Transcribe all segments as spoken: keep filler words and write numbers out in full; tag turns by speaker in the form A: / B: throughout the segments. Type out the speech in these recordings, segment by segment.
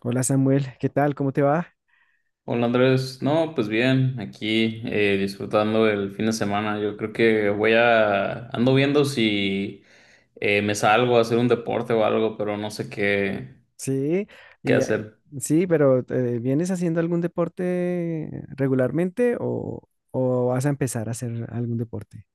A: Hola Samuel, ¿qué tal? ¿Cómo te va?
B: Hola Andrés, no, pues bien, aquí eh, disfrutando el fin de semana. Yo creo que voy a, ando viendo si eh, me salgo a hacer un deporte o algo, pero no sé qué,
A: Sí,
B: qué
A: y, eh,
B: hacer.
A: sí, pero eh, ¿vienes haciendo algún deporte regularmente o, o vas a empezar a hacer algún deporte?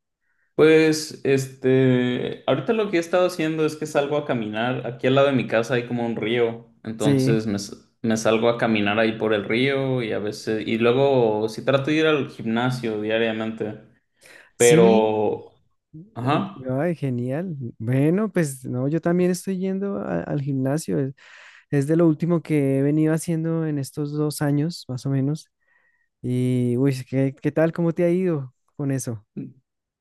B: Pues, este, ahorita lo que he estado haciendo es que salgo a caminar. Aquí al lado de mi casa hay como un río,
A: Sí,
B: entonces me, s- me salgo a caminar ahí por el río y a veces, y luego sí trato de ir al gimnasio diariamente,
A: sí,
B: pero,
A: eh,
B: ajá.
A: ay, genial. Bueno, pues no, yo también estoy yendo a- al gimnasio. Es, es de lo último que he venido haciendo en estos dos años, más o menos. Y, uy, ¿qué, ¿qué tal? ¿Cómo te ha ido con eso?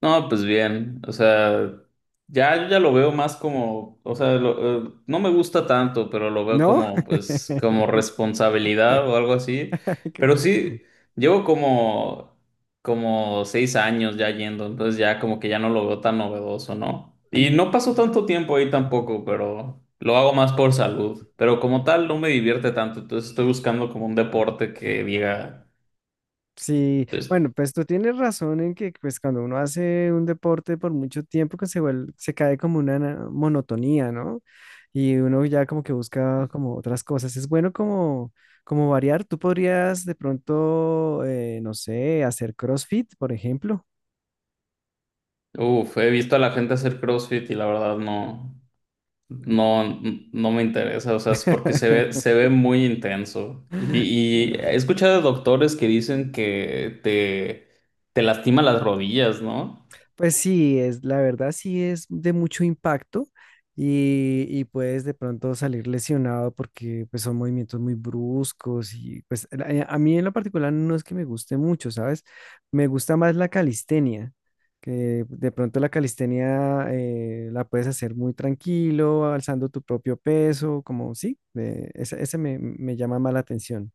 B: No, pues bien, o sea, ya yo ya lo veo más como, o sea, lo- eh, no me gusta tanto, pero lo veo
A: ¿No?
B: como, pues, como responsabilidad o algo así. Pero sí, llevo como, como seis años ya yendo, entonces ya como que ya no lo veo tan novedoso, ¿no? Y
A: ¿Qué?
B: no paso tanto tiempo ahí tampoco, pero lo hago más por salud. Pero como tal, no me divierte tanto, entonces estoy buscando como un deporte que diga,
A: Sí,
B: pues,
A: bueno, pues tú tienes razón en que pues cuando uno hace un deporte por mucho tiempo que se vuelve, se cae como una na- monotonía, ¿no? Y uno ya como que busca como otras cosas. Es bueno como, como variar. Tú podrías de pronto, eh, no sé, hacer CrossFit, por ejemplo.
B: uff, he visto a la gente hacer CrossFit y la verdad no. No, n- no me interesa, o sea, es porque se ve, se ve muy intenso. Y, y he escuchado de doctores que dicen que te, te lastima las rodillas, ¿no?
A: Pues sí, es, la verdad sí es de mucho impacto y, y puedes de pronto salir lesionado porque pues son movimientos muy bruscos y pues a, a mí en lo particular no es que me guste mucho, ¿sabes? Me gusta más la calistenia, que de pronto la calistenia eh, la puedes hacer muy tranquilo, alzando tu propio peso, como sí, eh, ese, ese me, me llama más la atención.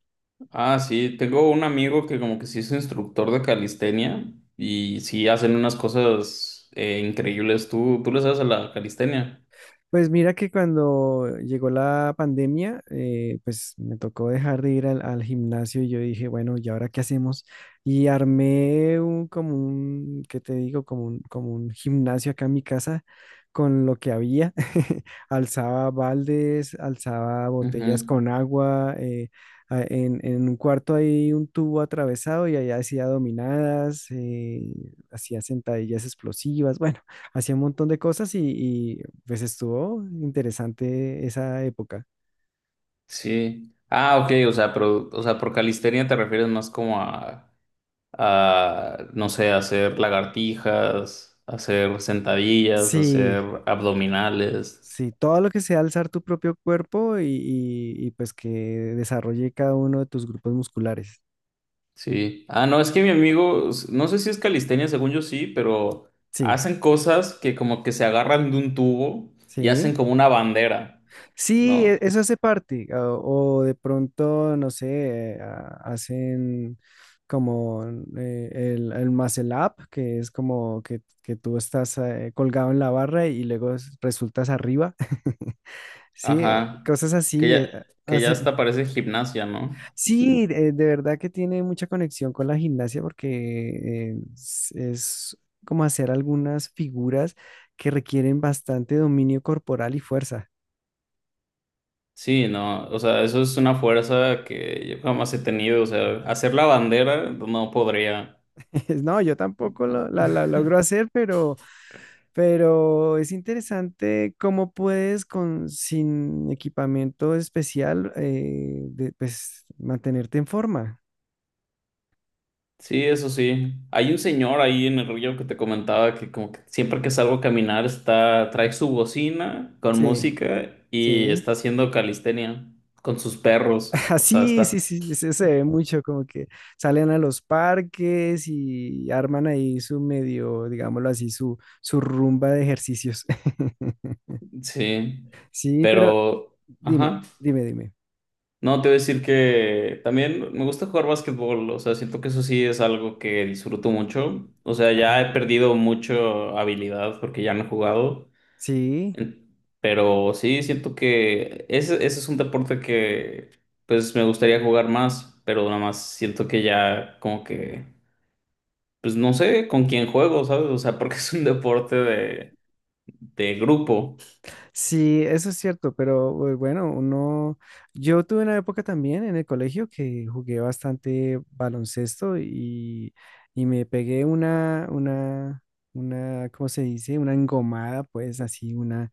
B: Ah, sí, tengo un amigo que como que sí es instructor de calistenia y sí hacen unas cosas eh, increíbles. ¿Tú, tú le sabes a la calistenia?
A: Pues mira que cuando llegó la pandemia, eh, pues me tocó dejar de ir al, al gimnasio y yo dije, bueno, ¿y ahora qué hacemos? Y armé un, como un, ¿qué te digo? Como un, como un gimnasio acá en mi casa con lo que había. Alzaba baldes, alzaba botellas
B: Ujú.
A: con agua, eh, a- en, en un cuarto hay un tubo atravesado y allá hacía dominadas, eh, hacía sentadillas explosivas, bueno hacía un montón de cosas y, y, pues estuvo interesante esa época.
B: Sí. Ah, ok, o sea, pero, o sea, por calistenia te refieres más como a a, no sé, hacer lagartijas, hacer sentadillas,
A: Sí,
B: hacer abdominales.
A: sí, todo lo que sea alzar tu propio cuerpo y, y- y, pues que desarrolle cada uno de tus grupos musculares.
B: Sí. Ah, no, es que mi amigo, s- no sé si es calistenia, según yo sí, pero
A: Sí,
B: hacen cosas que como que se agarran de un tubo y
A: sí.
B: hacen como una bandera,
A: Sí, e-
B: ¿no?
A: eso hace parte. O, o de pronto, no sé, eh, a- hacen como eh, el, el muscle up, que es como que, que tú estás eh, colgado en la barra y luego es- resultas arriba. Sí, eh,
B: Ajá.
A: cosas
B: Que
A: así. eh,
B: ya,
A: ah,
B: que ya
A: hace-
B: hasta parece gimnasia, ¿no?
A: Sí, de, de verdad que tiene mucha conexión con la gimnasia porque eh, es, es como hacer algunas figuras que requieren bastante dominio corporal y fuerza.
B: Sí, no, o sea, eso es una fuerza que yo jamás he tenido, o sea, hacer la bandera no podría.
A: No, yo tampoco lo- la, la logro hacer, pero, pero es interesante cómo puedes con, sin equipamiento especial eh, de- pues, mantenerte en forma.
B: Sí, eso sí. Hay un señor ahí en el río que te comentaba que como que siempre que salgo a caminar está, trae su bocina con
A: Sí,
B: música y
A: sí.
B: está haciendo calistenia con sus perros. O sea,
A: Sí,
B: está.
A: sí, sí, se, se ve mucho como que salen a los parques y arman ahí su medio, digámoslo así, su, su rumba de ejercicios.
B: Sí.
A: Sí, pero
B: Pero,
A: dime,
B: ajá.
A: dime, dime.
B: No, te voy a decir que también me gusta jugar básquetbol. O sea, siento que eso sí es algo que disfruto mucho. O sea, ya he
A: Ah,
B: perdido mucho habilidad porque ya no he jugado.
A: sí,
B: En- Pero sí, siento que ese, ese es un deporte que pues me gustaría jugar más, pero nada más siento que ya como que, pues no sé con quién juego, ¿sabes? O sea, porque es un deporte de, de grupo.
A: sí, eso es cierto, pero eh, bueno, uno, yo tuve una época también en el colegio que jugué bastante baloncesto y, y me pegué una, una, una, ¿cómo se dice? Una engomada, pues así, una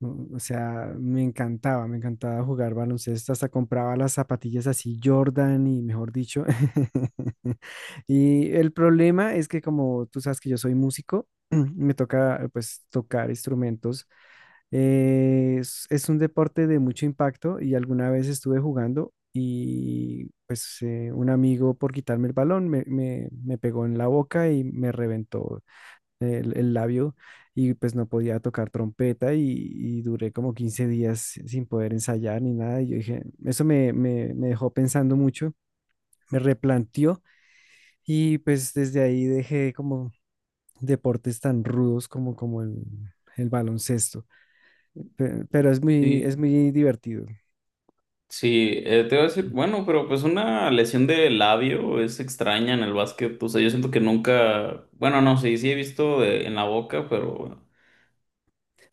A: Mm, o sea, me encantaba, me encantaba jugar baloncesto, hasta compraba las zapatillas así Jordan y mejor dicho. Y el problema es que como tú sabes que yo soy músico, me toca pues tocar instrumentos. Eh, es, es un deporte de mucho impacto y alguna vez estuve jugando y pues eh, un amigo por quitarme el balón me, me me pegó en la boca y me reventó el, el labio y pues no podía tocar trompeta y, y duré como quince días sin poder ensayar ni nada. Y yo dije, eso me, me, me dejó pensando mucho, me replanteó y pues desde ahí dejé como deportes tan rudos como, como el, el baloncesto. Pe- Pero es muy, es
B: Y
A: muy divertido.
B: sí, eh, te iba a decir, bueno, pero pues una lesión de labio es extraña en el básquet. O sea, yo siento que nunca, bueno, no, sí, sí he visto de- en la boca, pero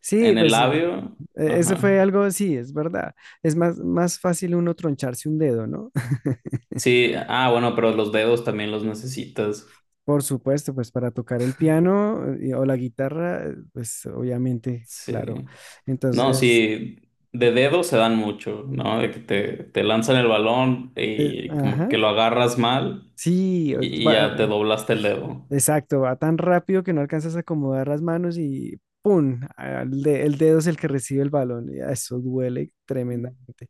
A: Sí,
B: en el
A: pues eh,
B: labio,
A: eso fue
B: ajá.
A: algo, sí, es verdad. Es más, más fácil uno troncharse un dedo, ¿no?
B: Sí, ah, bueno, pero los dedos también los necesitas.
A: Por supuesto, pues para tocar el piano eh, o la guitarra, eh, pues obviamente,
B: Sí.
A: claro.
B: No,
A: Entonces,
B: sí, de dedo se dan mucho, ¿no? De que te, te lanzan el balón
A: eh,
B: y como
A: ajá,
B: que lo agarras mal
A: sí,
B: y, y ya te doblaste el dedo.
A: exacto, va tan rápido que no alcanzas a acomodar las manos y ¡pum! al de- El, dedo es el que recibe el balón. Y eso duele tremendamente.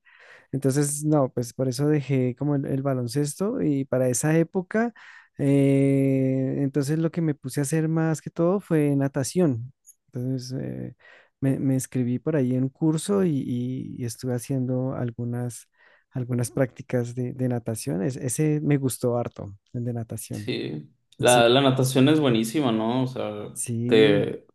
A: Entonces, no, pues por eso dejé como el, el baloncesto y para esa época, eh, entonces lo que me puse a hacer más que todo fue natación. Entonces, eh, me, me inscribí por ahí en un curso y, y- y estuve haciendo algunas, algunas prácticas de, de natación. Es- ese me gustó harto, el de natación.
B: Sí.
A: Sí.
B: La, la natación es buenísima, ¿no? O sea,
A: Sí.
B: te,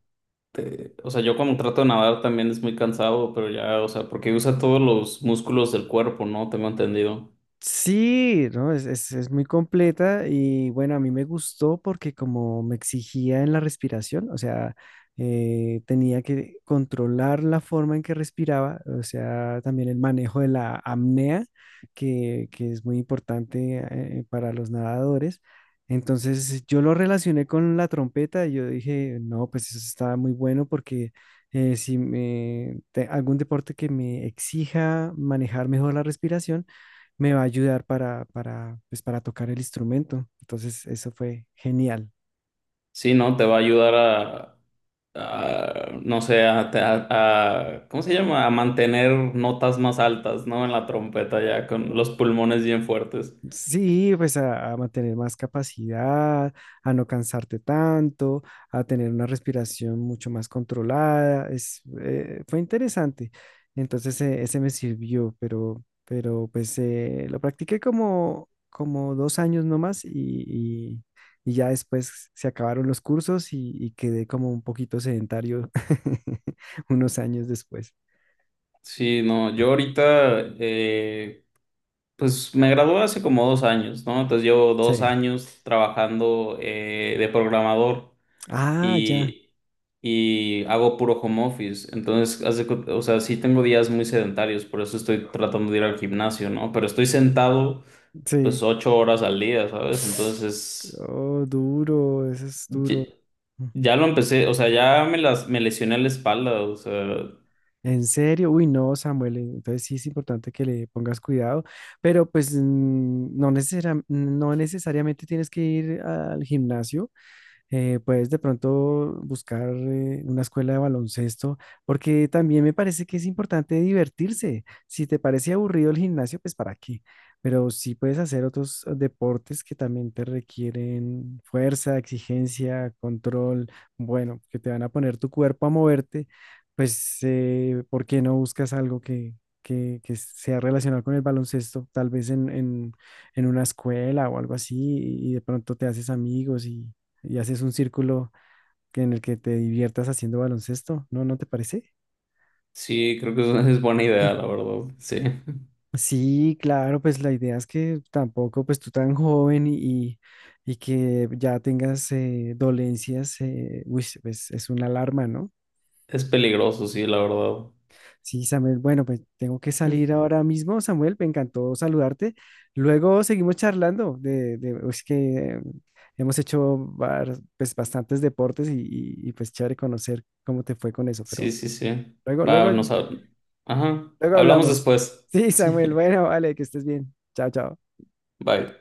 B: te, o sea, yo cuando trato de nadar también es muy cansado, pero ya, o sea, porque usa todos los músculos del cuerpo, ¿no? Tengo entendido.
A: Sí, no, es, es, es muy completa y bueno, a mí me gustó porque como me exigía en la respiración, o sea, eh, tenía que controlar la forma en que respiraba, o sea, también el manejo de la apnea, que, que es muy importante eh, para los nadadores. Entonces yo lo relacioné con la trompeta y yo dije, no, pues eso está muy bueno porque eh, si me, te- algún deporte que me exija manejar mejor la respiración, me va a ayudar para, para, pues, para tocar el instrumento. Entonces, eso fue genial.
B: Sí, ¿no? Te va a ayudar a, a, no sé, a, a- a- ¿cómo se llama? A mantener notas más altas, ¿no? En la trompeta ya, con los pulmones bien fuertes.
A: Sí, pues a, a mantener más capacidad, a no cansarte tanto, a tener una respiración mucho más controlada. Es, eh, fue interesante. Entonces, eh, ese me sirvió, pero, pero pues eh, lo practiqué como, como dos años nomás y, y, y ya después se acabaron los cursos y, y quedé como un poquito sedentario unos años después.
B: Sí, no, yo ahorita, eh, pues me gradué hace como dos años, ¿no? Entonces llevo dos
A: Sí.
B: años trabajando eh, de programador
A: Ah, ya.
B: y, y hago puro home office. Entonces, haz de cu- o sea, sí tengo días muy sedentarios, por eso estoy tratando de ir al gimnasio, ¿no? Pero estoy sentado pues
A: Sí.
B: ocho horas al día, ¿sabes? Entonces,
A: Oh, duro, eso es duro.
B: ye-
A: Mm.
B: ya, lo empecé, o sea, ya me las, me lesioné la espalda, o sea,
A: ¿En serio? Uy, no, Samuel. Entonces sí es importante que le pongas cuidado, pero pues mm, no necesariam- no necesariamente tienes que ir al gimnasio. Eh, puedes de pronto buscar eh, una escuela de baloncesto, porque también me parece que es importante divertirse. Si te parece aburrido el gimnasio, pues para qué. Pero sí puedes hacer otros eh, deportes que también te requieren fuerza, exigencia, control, bueno, que te van a poner tu cuerpo a moverte, pues eh, ¿por qué no buscas algo que, que, que sea relacionado con el baloncesto? Tal vez en, en- en una escuela o algo así, y de pronto te haces amigos y, y haces un círculo que- en el que te diviertas haciendo baloncesto, ¿no? ¿No te parece?
B: sí, creo que es, es buena idea, la verdad, sí.
A: Sí, claro, pues la idea es que tampoco, pues tú tan joven y, y que ya tengas eh, dolencias, eh, uy, pues es una alarma, ¿no?
B: Es peligroso, sí, la verdad.
A: Sí, Samuel, bueno, pues tengo que
B: Mm.
A: salir ahora mismo, Samuel, me encantó saludarte. Luego seguimos charlando de, de es que hemos hecho var- pues, bastantes deportes y, y- y, pues chévere conocer cómo te fue con eso,
B: Sí,
A: pero
B: sí, sí.
A: luego,
B: Va,
A: luego
B: nos hab- ajá.
A: luego
B: Hablamos
A: hablamos.
B: después.
A: Sí,
B: Sí.
A: Samuel. Bueno, vale, que estés bien. Chao, chao.
B: Bye.